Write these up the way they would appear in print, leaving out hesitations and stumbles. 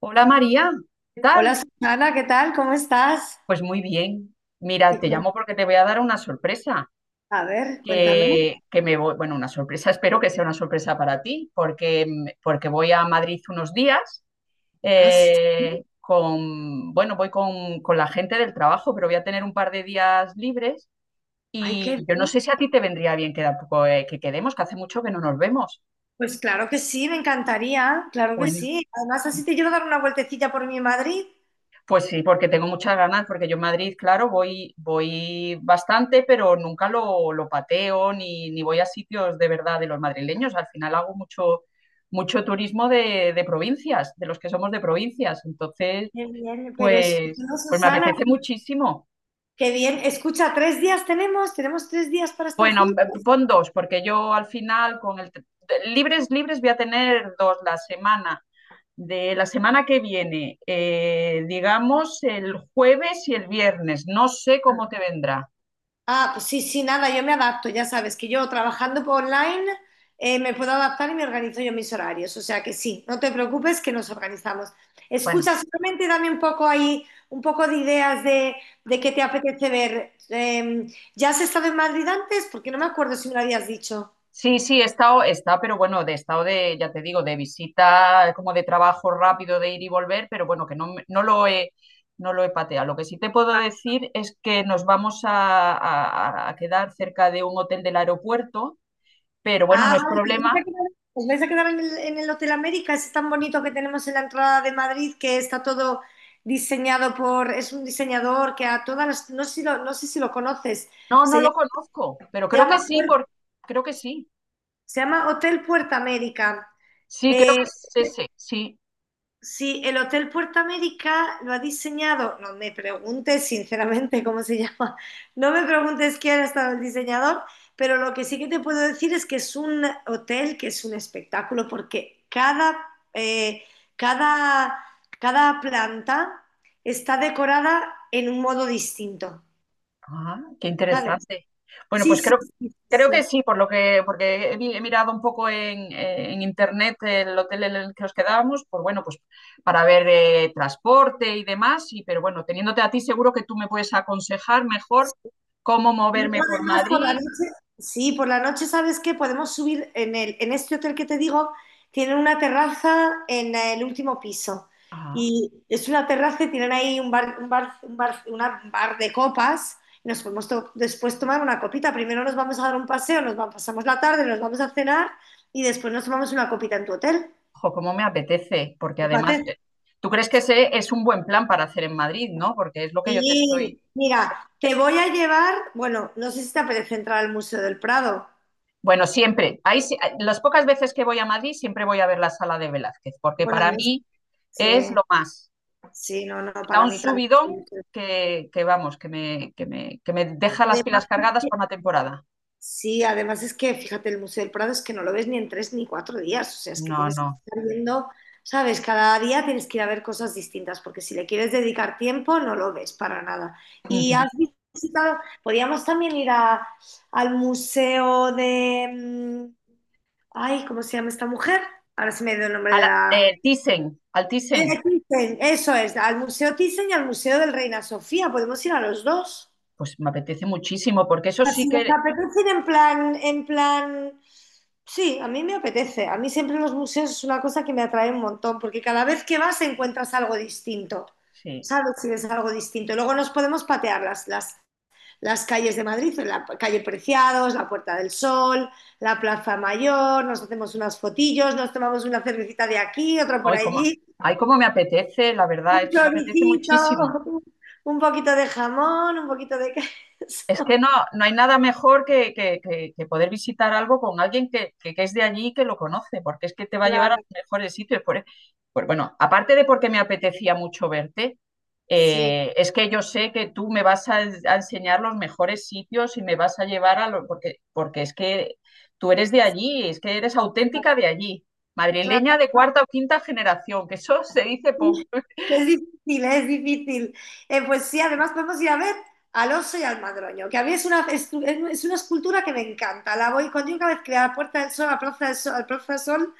Hola María, ¿qué Hola tal? Susana, ¿qué tal? ¿Cómo estás? Pues muy bien. Mira, Y te cu- llamo porque te voy a dar una sorpresa. a ver, cuéntame. Que me voy, bueno, una sorpresa, espero que sea una sorpresa para ti, porque, porque voy a Madrid unos días. Ah, sí. Con, bueno, voy con la gente del trabajo, pero voy a tener un par de días libres. Ay, Y qué yo no bien. sé si a ti te vendría bien quedar, poco, que quedemos, que hace mucho que no nos vemos. Pues claro que sí, me encantaría, claro que Bueno. sí. Además, así te quiero dar una vueltecilla por mi Madrid. Pues sí, porque tengo muchas ganas, porque yo en Madrid, claro, voy bastante, pero nunca lo pateo ni voy a sitios de verdad de los madrileños. Al final hago mucho, mucho turismo de provincias, de los que somos de provincias. Entonces, Qué bien, pero escucha, pues, no, pues me Susana, apetece muchísimo. qué bien. Escucha, 3 días tenemos 3 días para estar Bueno, juntos. pon dos, porque yo al final con el… Libres, libres voy a tener dos la semana. De la semana que viene, digamos el jueves y el viernes. No sé cómo te vendrá. Ah, pues sí, sí, nada, yo me adapto, ya sabes que yo trabajando por online me puedo adaptar y me organizo yo mis horarios, o sea que sí, no te preocupes que nos organizamos. Bueno, Escucha, solamente dame un poco ahí, un poco de ideas de qué te apetece ver. ¿Ya has estado en Madrid antes? Porque no me acuerdo si me lo habías dicho. sí, sí, he estado, he pero bueno, de estado de, ya te digo, de visita, como de trabajo rápido de ir y volver, pero bueno, que no, no lo he, no lo he pateado. Lo que sí te puedo decir es que nos vamos a, a quedar cerca de un hotel del aeropuerto, pero bueno, no Ah, es vale. ¿Os vais a problema. quedar, os vais a quedar en el Hotel América? Ese tan bonito que tenemos en la entrada de Madrid, que está todo diseñado por, es un diseñador que a todas las, no sé si lo conoces, No, no se lo llama, conozco, pero se creo que llama sí, Puer- porque creo que sí. se llama Hotel Puerta América. Sí, creo Eh, que es ese, sí. Sí, el Hotel Puerto América lo ha diseñado, no me preguntes sinceramente cómo se llama, no me preguntes quién ha estado el diseñador, pero lo que sí que te puedo decir es que es un hotel que es un espectáculo porque eh, cada, cada planta está decorada en un modo distinto, Ah, qué ¿sabes? interesante. Bueno, Sí, pues sí, creo, sí, creo que sí. sí, por lo que, porque he, he mirado un poco en internet el hotel en el que nos quedábamos, pues bueno, pues para ver transporte y demás, y, pero bueno, teniéndote a ti seguro que tú me puedes aconsejar mejor Sí. cómo Y luego moverme por además por la Madrid. noche, sí, por la noche, ¿sabes qué? Podemos subir en este hotel que te digo, tienen una terraza en el último piso. Ah, Y es una terraza, y tienen ahí una bar de copas. Y nos podemos después tomar una copita. Primero nos vamos a dar un paseo, pasamos la tarde, nos vamos a cenar y después nos tomamos una copita en tu hotel. ojo, cómo me apetece, porque ¿Te además, parece? Tú crees que ese es un buen plan para hacer en Madrid, ¿no? Porque es lo que yo te estoy… Sí, mira, te voy a llevar, bueno, no sé si te apetece entrar al Museo del Prado. Bueno, siempre. Ahí, las pocas veces que voy a Madrid, siempre voy a ver la sala de Velázquez, porque Bueno, para no mí es sé. lo más. Sí, no, no, Me da para un mí también. subidón que vamos, que me deja las Además, pilas cargadas para una temporada. sí, además es que, fíjate, el Museo del Prado es que no lo ves ni en tres ni cuatro días, o sea, es que No, tienes no. que estar viendo, ¿sabes? Cada día tienes que ir a ver cosas distintas, porque si le quieres dedicar tiempo, no lo ves para nada. Y Ujú. has visitado, podríamos también al museo de, ay, ¿cómo se llama esta mujer? Ahora se me dio el nombre de la... Thyssen, al Thyssen, Thyssen, eso es, al Museo Thyssen y al Museo del Reina Sofía, podemos ir a los dos. pues me apetece muchísimo, porque eso sí Si les que, apetece ir en plan, sí, a mí me apetece. A mí siempre los museos es una cosa que me atrae un montón, porque cada vez que vas encuentras algo distinto. sí, ¿Sabes si ves algo distinto? Y luego nos podemos patear las calles de Madrid, la calle Preciados, la Puerta del Sol, la Plaza Mayor, nos hacemos unas fotillos, nos tomamos una cervecita de aquí, otra por hoy como, allí, ay, cómo me apetece, la verdad, un es que me apetece choricito, muchísimo. un poquito de jamón, un poquito de queso. Es que no, no hay nada mejor que, que poder visitar algo con alguien que, que es de allí y que lo conoce, porque es que te va a llevar a Claro, los mejores sitios. Por, e, bueno, aparte de porque me apetecía mucho verte, sí, es que yo sé que tú me vas a, a enseñar los mejores sitios y me vas a llevar a los… Porque, porque es que tú eres de allí, es que eres auténtica de allí, madrileña claro. de cuarta o quinta generación, que eso se dice poco. Es difícil, es difícil. Pues sí, además podemos ir a ver al oso y al madroño, que a mí es una escultura que me encanta. La voy cuando yo cada vez que voy a la Puerta del Sol, a la Plaza del Sol, al Plaza del Sol,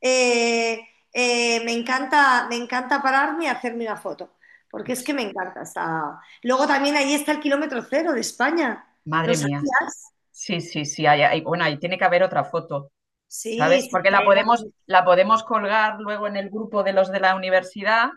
eh, me encanta pararme y hacerme una foto, porque es que me encanta. Luego también ahí está el kilómetro cero de España. ¿Lo Madre mía. sabías? Sí, sí, sí. Bueno, ahí tiene que haber otra foto. Sí, ¿Sabes? sí, Porque sí, la podemos colgar luego en el grupo de los de la universidad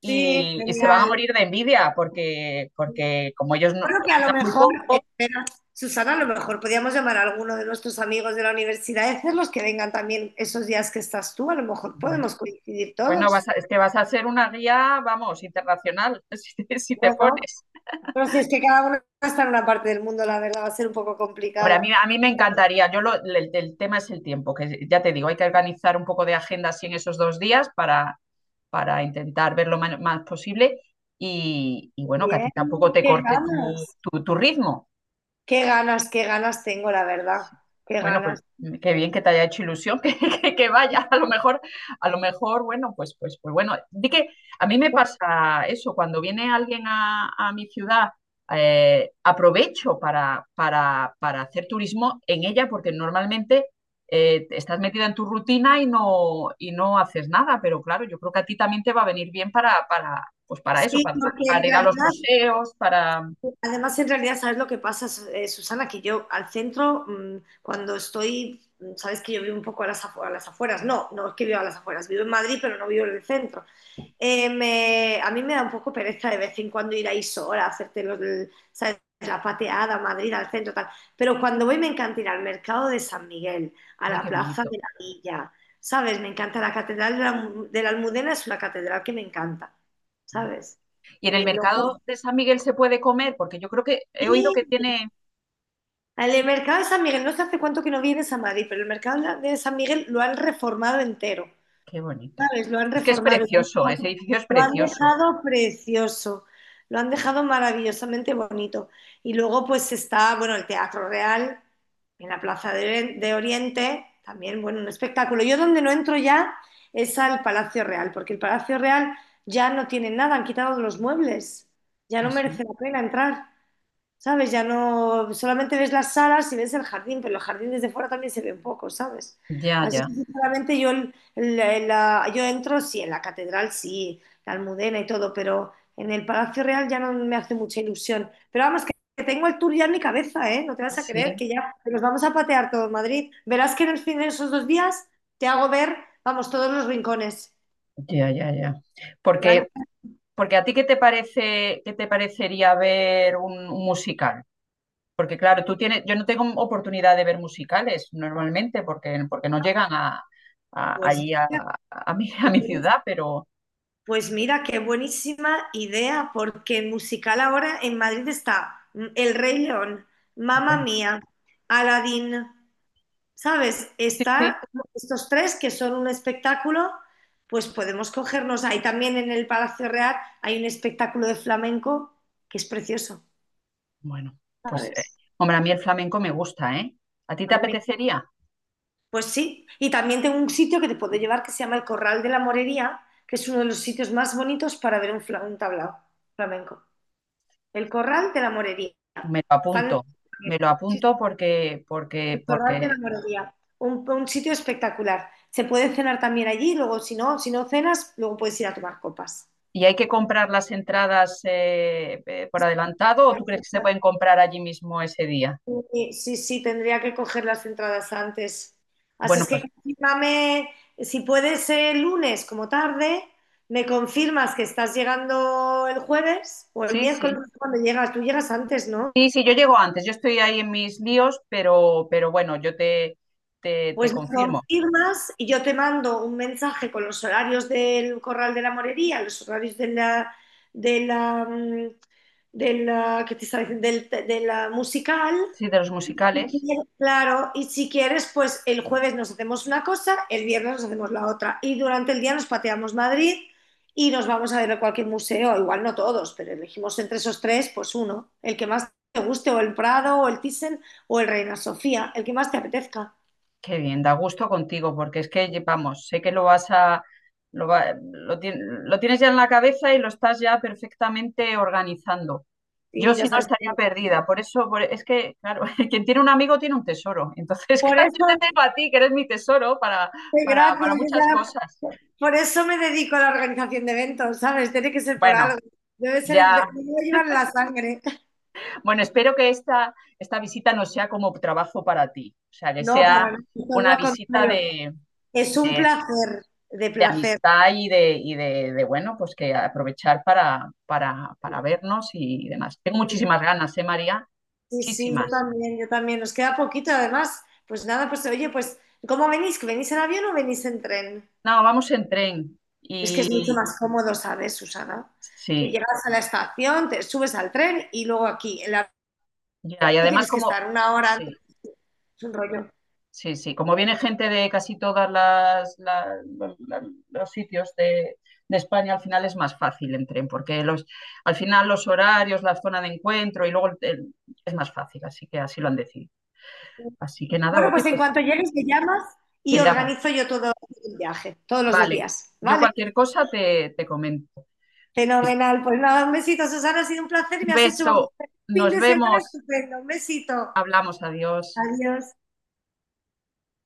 sí, y se van a genial. morir de envidia porque, porque como ellos no, Creo que a lo quedan muy mejor, poco, espera, Susana, a lo mejor podríamos llamar a alguno de nuestros amigos de la universidad y hacerlos que vengan también esos días que estás tú. A lo mejor bueno, podemos coincidir bueno, todos. Es que vas a ser una guía, vamos, internacional, si te, si te Bueno, pones. pero si es que cada uno está en una parte del mundo, la verdad, va a ser un poco Hombre, complicado. a mí me encantaría, yo el tema es el tiempo, que ya te digo, hay que organizar un poco de agenda así en esos dos días para intentar ver lo más, posible y Muy bueno, que a ti bien, tampoco te qué corte tu, ganas, tu ritmo. qué ganas, qué ganas tengo, la verdad, qué Bueno, pues ganas. Qué bien que te haya hecho ilusión que vaya. A lo mejor, bueno, pues bueno. Di que a mí me pasa eso, cuando viene alguien a mi ciudad, aprovecho para hacer turismo en ella, porque normalmente estás metida en tu rutina y no haces nada, pero claro, yo creo que a ti también te va a venir bien pues para eso, Sí, porque en para ir a los realidad museos, para… Además, en realidad, ¿sabes lo que pasa, Susana? Que yo al centro, cuando estoy, sabes que yo vivo un poco a las afueras, no, no es que vivo a las afueras, vivo en Madrid, pero no vivo en el centro. A mí me da un poco pereza de vez en cuando ir ahí sola hacerte ¿sabes? La pateada, a Madrid, al centro, tal. Pero cuando voy me encanta ir al mercado de San Miguel, a ¡Ay, la qué plaza bonito! de la Villa, ¿sabes? Me encanta la catedral de la Almudena, es una catedral que me encanta, ¿sabes? Y en Eh, el mercado luego- de San Miguel se puede comer, porque yo creo que he oído que tiene. El mercado de San Miguel, no sé hace cuánto que no vienes a Madrid, pero el mercado de San Miguel lo han reformado entero, Qué bonito. ¿sabes? Lo han Es que es reformado, precioso, ese edificio es lo han precioso. dejado precioso, lo han dejado maravillosamente bonito. Y luego pues está, bueno, el Teatro Real en la Plaza de, de Oriente, también, bueno, un espectáculo. Yo donde no entro ya es al Palacio Real, porque el Palacio Real ya no tiene nada, han quitado los muebles, ya no Así. merece la pena entrar. ¿Sabes? Ya no, solamente ves las salas y ves el jardín, pero el jardín desde fuera también se ve un poco, ¿sabes? Ya, Así ya. que sinceramente yo, yo entro, sí, en la catedral, sí, la Almudena y todo, pero en el Palacio Real ya no me hace mucha ilusión. Pero vamos, que tengo el tour ya en mi cabeza, ¿eh? No te vas a creer Sí, que ya que nos vamos a patear todo Madrid. Verás que en el fin de esos 2 días te hago ver, vamos, todos los rincones. ya, ya, ya. Frank, Porque, porque a ti qué te parece, ¿qué te parecería ver un musical? Porque claro, tú tienes, yo no tengo oportunidad de ver musicales normalmente, porque, porque no llegan a, Pues allí a mi, a mi mira, ciudad, pero Pues mira, qué buenísima idea, porque en musical ahora en Madrid está El Rey León, Mamma bueno, Mía, Aladdin, ¿sabes? sí, sí. Está estos tres que son un espectáculo, pues podemos cogernos ahí también en el Palacio Real hay un espectáculo de flamenco que es precioso, Bueno, pues, ¿sabes? hombre, a mí el flamenco me gusta, ¿eh? ¿A ti A te mí me- apetecería? Pues sí, y también tengo un sitio que te puedo llevar que se llama el Corral de la Morería, que es uno de los sitios más bonitos para ver un, un tablao flamenco. El Corral de la Morería. Me lo Del apunto, Ferrer. me lo Sí, apunto porque, porque, el Torral de la porque. Morería. Un sitio espectacular. Se puede cenar también allí, luego si no, si no cenas, luego puedes ir a tomar copas. ¿Y hay que comprar las entradas por adelantado o tú crees que se pueden comprar allí mismo ese día? Sí, sí, sí, tendría que coger las entradas antes. Así Bueno, es que pues confírmame, si puedes el lunes como tarde, me confirmas que estás llegando el jueves o el sí, miércoles sí. cuando llegas. Tú llegas antes, ¿no? Sí, sí, yo llego antes, yo estoy ahí en mis líos, pero bueno, yo te, te Pues me confirmo. confirmas y yo te mando un mensaje con los horarios del Corral de la Morería, los horarios de la, mm, de la, ¿qué te estaba diciendo? De la musical. Sí, de los Y si musicales. quieres... Claro, y si quieres, pues el jueves nos hacemos una cosa, el viernes nos hacemos la otra. Y durante el día nos pateamos Madrid y nos vamos a ver a cualquier museo, igual no todos, pero elegimos entre esos tres, pues uno, el que más te guste, o el Prado, o el Thyssen, o el Reina Sofía, el que más te apetezca. Qué bien, da gusto contigo, porque es que, vamos, sé que lo vas a, lo, lo tienes ya en la cabeza y lo estás ya perfectamente organizando. Yo Sí, si ya no sabes. estaría perdida, por eso, es que, claro, quien tiene un amigo tiene un tesoro. Entonces, Por claro, yo eso, te tengo a ti, que eres mi tesoro para, sí, gracias, para muchas ya... cosas. Por eso me dedico a la organización de eventos, ¿sabes? Tiene que ser por Bueno, algo. Debe ser, me ya, debe llevar en la sangre. bueno, espero que esta visita no sea como trabajo para ti, o sea, que No, sea para nada, todo una lo visita contrario. de, Es un de placer, de de placer. amistad y de, bueno, pues que aprovechar para, para vernos y demás. Tengo muchísimas ganas, ¿eh, María? Sí, sí, yo Muchísimas. también, yo también. Nos queda poquito, además. Pues nada, pues oye, pues, ¿cómo venís? ¿Que venís en avión o venís en tren? No, vamos en tren. Es que es mucho Y más cómodo, ¿sabes, Susana? Que sí, llegas a la estación, te subes al tren y luego aquí. En la ya, y además tienes que como, estar 1 hora sí, antes. Es un rollo. sí, sí, como viene gente de casi todas las, las- los sitios de España, al final es más fácil en tren, porque los, al final los horarios, la zona de encuentro y luego es más fácil, así que así lo han decidido. Así que nada, Bueno, oye, pues en pues cuanto llegues me llamas te y llamo. organizo yo todo el viaje, todos los dos Vale, días, yo ¿vale? cualquier cosa te, te comento. Fenomenal. Pues nada, un besito, Susana, ha sido un placer y Un me has hecho beso, vamos, un fin nos de semana vemos, estupendo. Un besito. hablamos, adiós. Adiós.